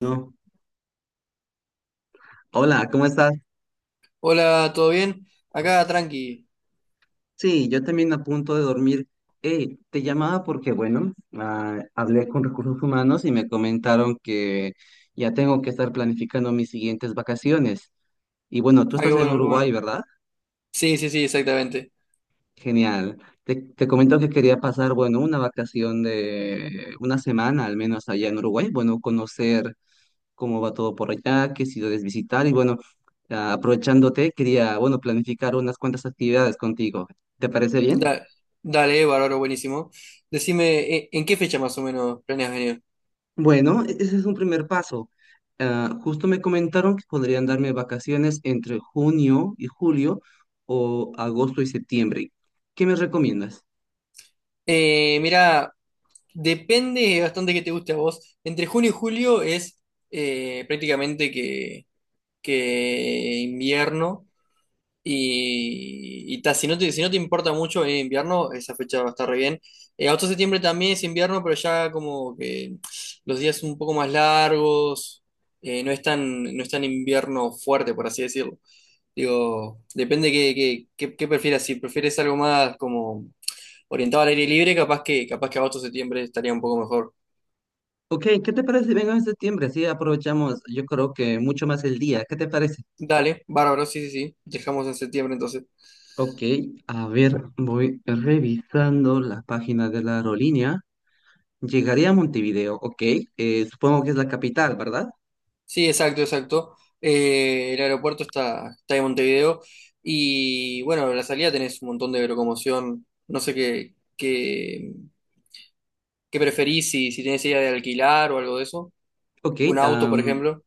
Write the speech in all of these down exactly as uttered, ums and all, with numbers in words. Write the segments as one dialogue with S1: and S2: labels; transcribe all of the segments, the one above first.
S1: No. Hola, ¿cómo estás?
S2: Hola, ¿todo bien? Acá, tranqui.
S1: Sí, yo también a punto de dormir. Eh, te llamaba porque, bueno, ah, hablé con recursos humanos y me comentaron que ya tengo que estar planificando mis siguientes vacaciones. Y bueno, tú
S2: Ah, qué
S1: estás en
S2: bueno, qué
S1: Uruguay,
S2: bueno.
S1: ¿verdad?
S2: Sí, sí, sí, exactamente.
S1: Genial. Te, te comento que quería pasar, bueno, una vacación de una semana al menos allá en Uruguay. Bueno, conocer cómo va todo por allá, qué ciudades visitar y, bueno, ah, aprovechándote, quería, bueno, planificar unas cuantas actividades contigo. ¿Te parece bien?
S2: Da- dale, bárbaro, buenísimo. Decime, eh, ¿en qué fecha más o menos planeas venir?
S1: Bueno, e- ese es un primer paso. Ah, justo me comentaron que podrían darme vacaciones entre junio y julio o agosto y septiembre. ¿Qué me recomiendas?
S2: Eh, mirá, depende bastante que te guste a vos. Entre junio y julio es eh, prácticamente que, que invierno. Y, y ta, si no te, si no te importa mucho venir en invierno, esa fecha va a estar re bien. Eh, agosto, septiembre también es invierno, pero ya como que los días son un poco más largos, eh, no es tan, no es tan invierno fuerte, por así decirlo. Digo, depende qué, qué, qué, qué prefieras. Si prefieres algo más como orientado al aire libre, capaz que, capaz que agosto, septiembre estaría un poco mejor.
S1: Ok, ¿qué te parece si vengo en septiembre? Así aprovechamos, yo creo que mucho más el día. ¿Qué te parece?
S2: Dale, bárbaro, sí, sí, sí. Dejamos en septiembre entonces.
S1: Ok, a ver, voy revisando la página de la aerolínea. Llegaré a Montevideo, ok. Eh, supongo que es la capital, ¿verdad?
S2: Sí, exacto, exacto. Eh, el aeropuerto está, está en Montevideo y bueno, en la salida tenés un montón de locomoción. No sé qué, qué, qué preferís, si, si tenés idea de alquilar o algo de eso.
S1: Ok.
S2: Un auto, por ejemplo.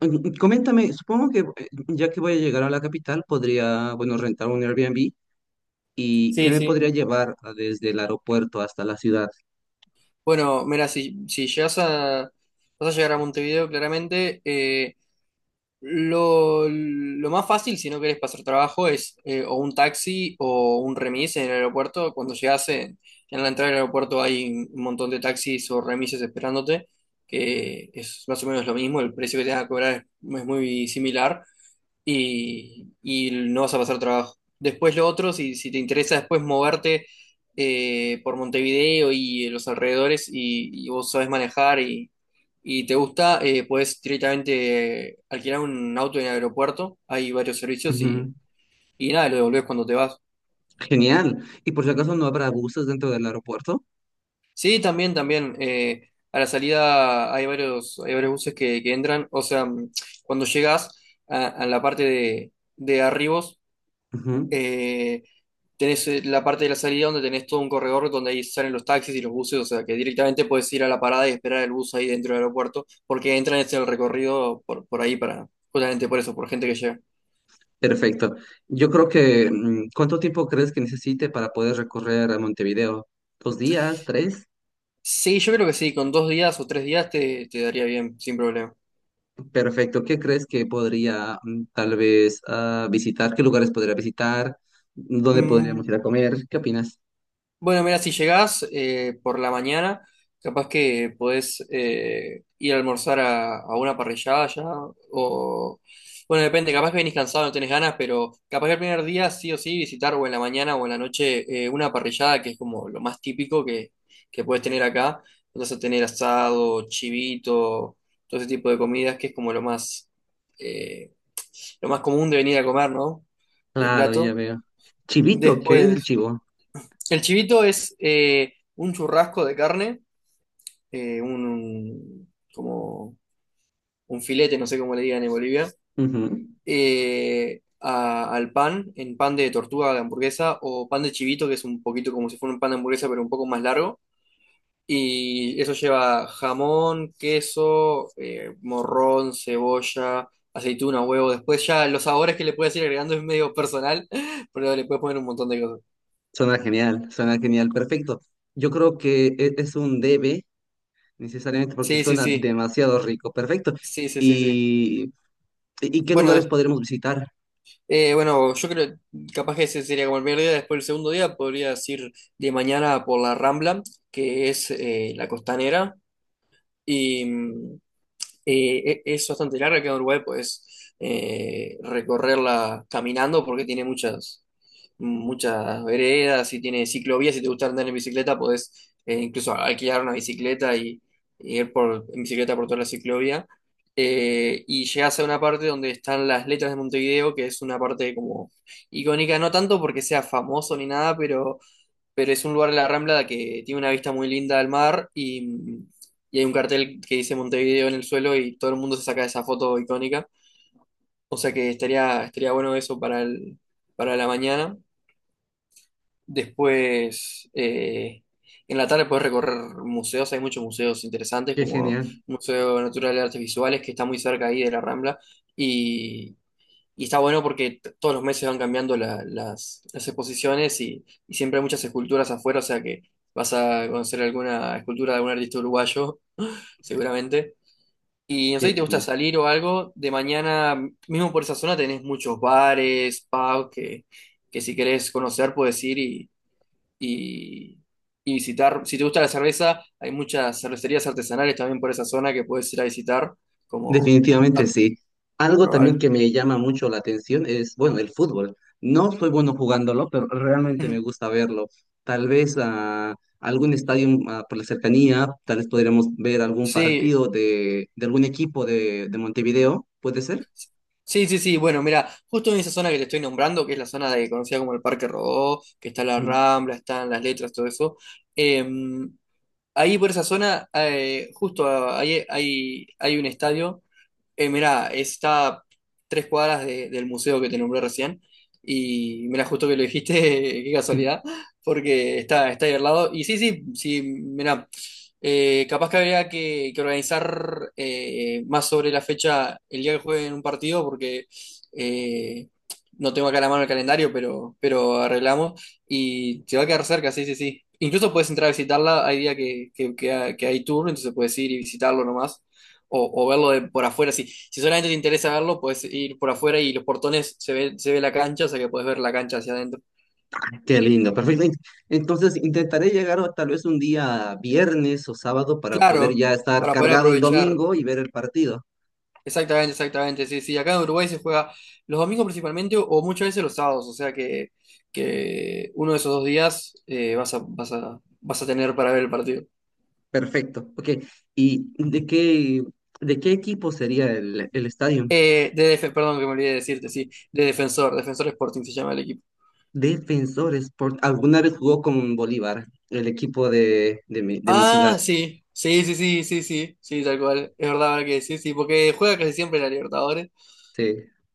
S1: Mm, coméntame, supongo que eh, ya que voy a llegar a la capital, podría, bueno, rentar un Airbnb y qué
S2: Sí,
S1: me
S2: sí.
S1: podría llevar ah, desde el aeropuerto hasta la ciudad.
S2: Bueno, mira, si, si llegas a, vas a llegar a Montevideo, claramente. Eh, Lo, lo más fácil, si no querés pasar trabajo, es eh, o un taxi o un remis en el aeropuerto. Cuando llegas en, en la entrada del aeropuerto hay un montón de taxis o remises esperándote, que es más o menos lo mismo. El precio que te van a cobrar es, es muy similar y, y no vas a pasar trabajo. Después lo otro, si, si te interesa después moverte eh, por Montevideo y los alrededores, y, y vos sabes manejar y, y te gusta, eh, puedes directamente alquilar un auto en el aeropuerto. Hay varios servicios y,
S1: Ujú.
S2: y nada, lo devolvés cuando te vas.
S1: Genial. Y por si acaso no habrá buses dentro del aeropuerto.
S2: Sí, también, también. Eh, a la salida hay varios, hay varios buses que, que entran. O sea, cuando llegas a, a la parte de, de arribos,
S1: Ujú.
S2: Eh, tenés eh, la parte de la salida donde tenés todo un corredor donde ahí salen los taxis y los buses. O sea que directamente puedes ir a la parada y esperar el bus ahí dentro del aeropuerto, porque entran en el recorrido por, por ahí, para, justamente por eso, por gente que llega.
S1: Perfecto. Yo creo que, mm, ¿cuánto tiempo crees que necesite para poder recorrer a Montevideo? ¿Dos días? ¿Tres?
S2: Sí, yo creo que sí, con dos días o tres días te, te daría bien, sin problema.
S1: Perfecto. ¿Qué crees que podría mm, tal vez ah, visitar? ¿Qué lugares podría visitar? ¿Dónde podríamos
S2: Mm,
S1: ir a comer? ¿Qué opinas?
S2: Bueno, mira, si llegás eh, por la mañana, capaz que podés eh, ir a almorzar a, a una parrillada ya, o... Bueno, depende, capaz que venís cansado, no tenés ganas, pero capaz que el primer día sí o sí visitar o en la mañana o en la noche eh, una parrillada, que es como lo más típico que, que puedes tener acá. Vas a tener asado, chivito, todo ese tipo de comidas, que es como lo más, eh, lo más común de venir a comer, ¿no? De
S1: Claro, ya
S2: plato.
S1: veo. Chivito, ¿qué es el
S2: Después...
S1: chivo?
S2: El chivito es eh, un churrasco de carne, eh, un, un- como un filete, no sé cómo le digan en Bolivia,
S1: Ujú.
S2: eh, a- al pan, en pan de tortuga de hamburguesa o pan de chivito, que es un poquito como si fuera un pan de hamburguesa, pero un poco más largo. Y eso lleva jamón, queso, eh, morrón, cebolla, aceituna, huevo. Después ya los sabores que le puedes ir agregando es medio personal, pero le puedes poner un montón de cosas.
S1: Suena genial, suena genial, perfecto. Yo creo que e- es un debe, necesariamente, porque
S2: Sí, sí,
S1: suena
S2: sí.
S1: demasiado rico, perfecto.
S2: Sí, sí, sí, sí.
S1: ¿Y, y qué lugares
S2: Bueno.
S1: podremos visitar?
S2: Eh, bueno, yo creo, capaz que ese sería como el primer día. Después el segundo día podrías ir de mañana por la Rambla, que es eh, la costanera. Eh, e- es bastante larga, que en Uruguay puedes eh, recorrerla caminando porque tiene muchas, muchas veredas y tiene ciclovías. Si te gusta andar en bicicleta, podés eh, incluso alquilar una bicicleta y, y ir por, en bicicleta por toda la ciclovía. Eh, y llegas a una parte donde están las letras de Montevideo, que es una parte como icónica, no tanto porque sea famoso ni nada, pero pero es un lugar de la Rambla que tiene una vista muy linda al mar, y, y hay un cartel que dice Montevideo en el suelo, y todo el mundo se saca esa foto icónica. O sea que estaría, estaría bueno eso para el, para la mañana. Después, eh, en la tarde puedes recorrer museos, hay muchos museos interesantes
S1: Qué
S2: como
S1: genial,
S2: el Museo Natural de Artes Visuales, que está muy cerca ahí de la Rambla, y, y está bueno porque t- todos los meses van cambiando la- las, las exposiciones y, y siempre hay muchas esculturas afuera. O sea que vas a conocer alguna escultura de algún artista uruguayo, seguramente. Y no sé
S1: qué
S2: si te gusta
S1: genial.
S2: salir o algo, de mañana, mismo por esa zona tenés muchos bares, pubs, que, que si querés conocer puedes ir y, y, y visitar. Si te gusta la cerveza, hay muchas cervecerías artesanales también por esa zona que puedes ir a visitar, como
S1: Definitivamente
S2: a
S1: sí. Algo también
S2: probar.
S1: que me llama mucho la atención es, bueno, el fútbol. No soy bueno jugándolo, pero realmente me gusta verlo. Tal vez a algún estadio ah, por la cercanía, tal vez podríamos ver algún
S2: Sí,
S1: partido de, de algún equipo de, de Montevideo, ¿puede ser?
S2: sí, sí, sí. Bueno, mira, justo en esa zona que te estoy nombrando, que es la zona de, conocida como el Parque Rodó, que está la
S1: Ujú.
S2: Rambla, están las letras, todo eso. eh, Ahí por esa zona, eh, justo ah, ahí hay, hay un estadio. Eh, mira, está tres cuadras de- del museo que te nombré recién. Y mira, justo que lo dijiste, qué casualidad, porque está, está ahí al lado. Y sí, sí, sí, mira, capaz que habría que, que organizar eh, más sobre la fecha, el día que jueguen un partido, porque eh, no tengo acá a la mano el calendario, pero, pero arreglamos. Y te va a quedar cerca, sí, sí, sí. Incluso puedes entrar a visitarla, hay día que, que, que, ha- que hay tour, entonces puedes ir y visitarlo nomás o, o verlo de- por afuera. Si, si solamente te interesa verlo, puedes ir por afuera y los portones se ve, se ve la cancha. O sea que puedes ver la cancha hacia adentro.
S1: Qué lindo, perfecto. Ent- Entonces intentaré llegar o tal vez un día viernes o sábado para
S2: Claro,
S1: poder ya estar
S2: para poder
S1: cargado el
S2: aprovechar.
S1: domingo y ver el partido.
S2: Exactamente, exactamente. Sí, sí, acá en Uruguay se juega los domingos principalmente o muchas veces los sábados. O sea que, que uno de esos dos días eh, vas a, vas a, vas a tener para ver el partido.
S1: Perfecto, ok. ¿Y de qué, de qué equipo sería el, el estadio?
S2: Eh, de def- perdón que me olvidé de decirte, sí, de Defensor, Defensor Sporting se llama el equipo.
S1: Defensor Sport. ¿Alguna vez jugó con Bolívar, el equipo de, de mi, de mi ciudad?
S2: Ah, sí, sí, sí, sí, sí, sí, sí, tal cual, es verdad ahora que sí, sí, porque juega casi siempre la Libertadores.
S1: Sí,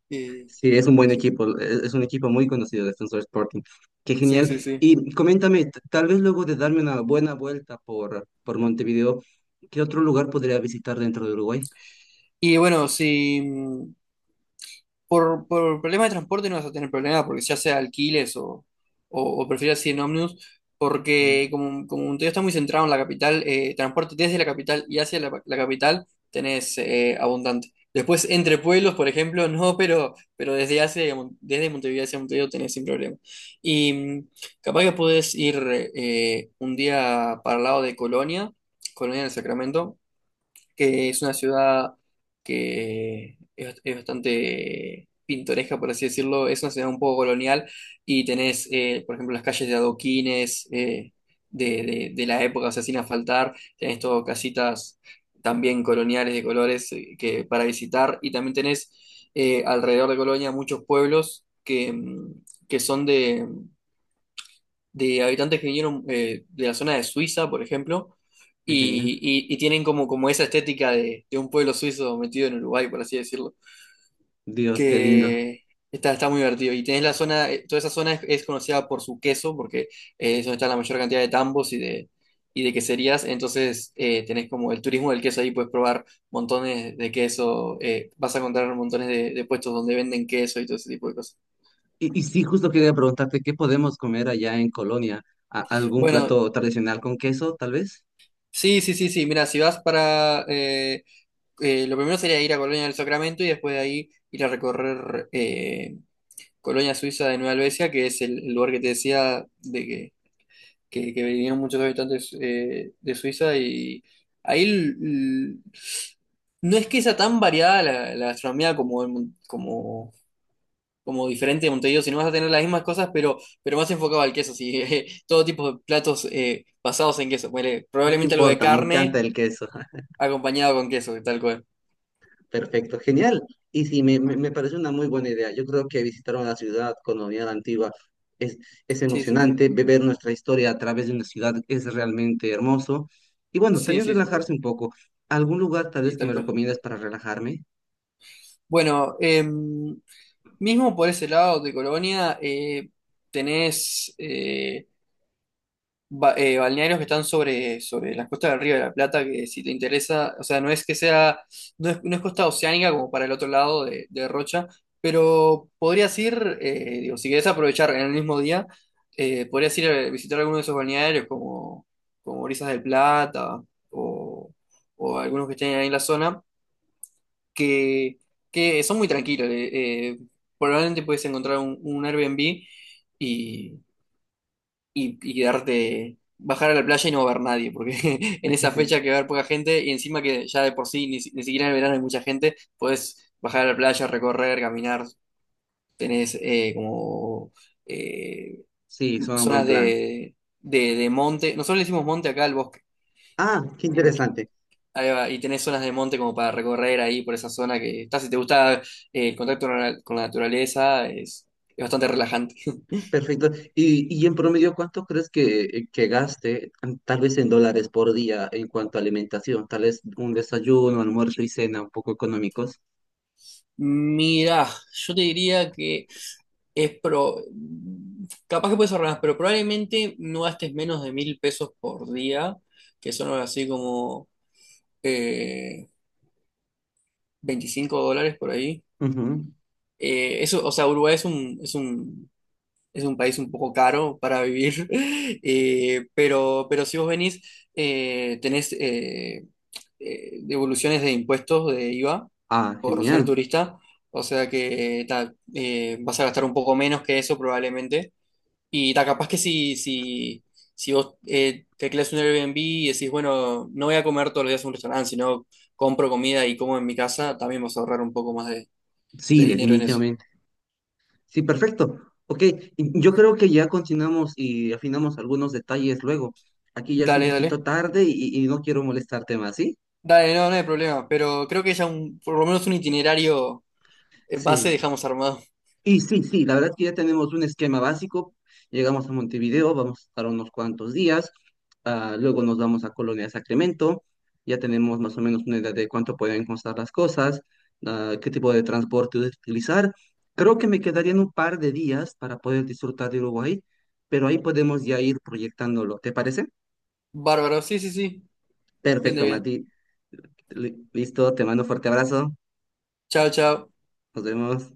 S2: Y,
S1: sí, es un buen
S2: sí,
S1: equipo, es es un equipo muy conocido, Defensor Sporting. Qué
S2: sí, sí,
S1: genial.
S2: sí.
S1: Y coméntame, t- tal vez luego de darme una buena vuelta por, por Montevideo, ¿qué otro lugar podría visitar dentro de Uruguay?
S2: Y bueno, sí. Por, por problemas de transporte no vas a tener problemas porque ya sea alquiles o, o, o prefieras ir en ómnibus,
S1: Mm.
S2: porque como, como Montevideo está muy centrado en la capital, eh, transporte desde la capital y hacia la, la capital tenés eh, abundante. Después, entre pueblos, por ejemplo, no, pero, pero desde hacia, Mon- desde Montevideo hacia Montevideo tenés sin problema. Y mm, capaz que podés ir eh, un día para el lado de Colonia, Colonia del Sacramento, que es una ciudad que es, es bastante pintoresca, por así decirlo. Es una ciudad un poco colonial, y tenés, eh, por ejemplo, las calles de adoquines eh, de, de- de la época, o sea, sin asfaltar. Tenés todo casitas también coloniales de colores eh, que, para visitar, y también tenés eh, alrededor de Colonia muchos pueblos que, mm, que son de habitantes que vinieron eh, de la zona de Suiza, por ejemplo,
S1: Qué
S2: y,
S1: genial.
S2: y- y tienen como, como esa estética de, de un pueblo suizo metido en Uruguay, por así decirlo,
S1: Dios, qué lindo.
S2: que está, está muy divertido. Y tenés la zona, eh, toda esa zona es, es conocida por su queso, porque eh, es donde está la mayor cantidad de tambos y de, y de queserías. Entonces eh, tenés como el turismo del queso ahí, puedes probar montones de queso. Eh, vas a encontrar montones de, de puestos donde venden queso y todo ese tipo de cosas.
S1: Y, y sí, justo quería preguntarte, ¿qué podemos comer allá en Colonia? ¿A- ¿Algún
S2: Bueno,
S1: plato tradicional con queso, tal vez?
S2: sí, sí, sí, sí, mira, si vas para... eh, eh, lo primero sería ir a Colonia del Sacramento, y después de ahí ir a recorrer eh, Colonia Suiza de Nueva Albesia, que es el, el lugar que te decía de que, que, que vinieron muchos habitantes eh, de Suiza. Y ahí l- l- no es que sea tan variada la, la gastronomía como, en Mon- como, como diferente de Montevideo, sino vas a tener las mismas cosas, pero, pero más enfocado al queso, sí. Eh, todo tipo de platos eh, basados en queso. Ponele,
S1: No
S2: probablemente algo de
S1: importa, me encanta
S2: carne
S1: el queso.
S2: acompañado con queso, tal cual.
S1: Perfecto, genial. Y sí, me, me, me parece una muy buena idea. Yo creo que visitar una ciudad colonial antigua es, es
S2: Sí, sí, sí.
S1: emocionante. Beber nuestra historia a través de una ciudad es realmente hermoso. Y bueno,
S2: Sí,
S1: también
S2: sí, sí.
S1: relajarse un poco. ¿Algún lugar tal
S2: Sí,
S1: vez que
S2: tal
S1: me
S2: cual.
S1: recomiendas para relajarme?
S2: Bueno, eh, mismo por ese lado de Colonia, eh, tenés eh, ba- eh, balnearios que están sobre, sobre las costas del Río de la Plata, que si te interesa. O sea, no es que sea, no es, no es costa oceánica como para el otro lado de, de Rocha, pero podrías ir. Eh, digo, si querés aprovechar en el mismo día, eh, podrías ir a visitar alguno de esos balnearios como, como Brisas del Plata o, o algunos que estén ahí en la zona que, que son muy tranquilos. Eh, eh, probablemente puedes encontrar un, un Airbnb y, y, y darte, bajar a la playa y no va a haber nadie, porque en esa fecha que va a haber poca gente, y encima que ya de por sí ni, si- ni siquiera en el verano hay mucha gente, puedes bajar a la playa, recorrer, caminar, tenés eh, como eh,
S1: Sí, suena un buen
S2: zonas
S1: plan.
S2: de, de, de monte. Nosotros le decimos monte acá al bosque.
S1: Ah, qué interesante.
S2: Ahí va, y tenés zonas de monte como para recorrer ahí por esa zona que está. Si te gusta eh, el contacto con la con la naturaleza, es, es bastante relajante.
S1: Perfecto. Y, y en promedio, ¿cuánto crees que, que gaste, mm, tal vez en dólares por día, en cuanto a alimentación? Tal vez un desayuno, almuerzo y cena un poco económicos.
S2: Mira, yo te diría que es pro. Capaz que puedes ahorrar, pero probablemente no gastes menos de mil pesos por día, que son algo así como eh, veinticinco dólares por ahí.
S1: Ujú.
S2: Eh, eso, o sea, Uruguay es un, es un es un país un poco caro para vivir, eh, pero, pero si vos venís, eh, tenés eh, eh, devoluciones de impuestos de IVA
S1: Ah,
S2: por ser
S1: genial.
S2: turista. O sea que ta, eh, vas a gastar un poco menos que eso probablemente. Y ta, capaz que si, si, si vos eh, tecleas un Airbnb y decís, bueno, no voy a comer todos los días en un restaurante, sino compro comida y como en mi casa, también vas a ahorrar un poco más de
S1: Sí,
S2: de dinero en eso.
S1: definitivamente. Sí, perfecto. Ok, y yo creo que ya continuamos y afinamos algunos detalles luego. Aquí ya es un
S2: Dale,
S1: poquito
S2: dale.
S1: tarde y, y no quiero molestarte más, ¿sí?
S2: Dale, no, no hay problema, pero creo que ya un, por lo menos un itinerario eh, base
S1: Sí.
S2: dejamos armado.
S1: Y sí, sí, la verdad que ya tenemos un esquema básico. Llegamos a Montevideo, vamos a estar unos cuantos días, ah, luego nos vamos a Colonia de Sacramento, ya tenemos más o menos una idea de cuánto pueden costar las cosas, ah, qué tipo de transporte utilizar. Creo que me quedarían un par de días para poder disfrutar de Uruguay, pero ahí podemos ya ir proyectándolo. ¿Te parece?
S2: Bárbaro, sí, sí, sí, bien de
S1: Perfecto,
S2: bien.
S1: Mati. Li- Listo, te mando un fuerte abrazo.
S2: Chao, chao.
S1: Nos vemos.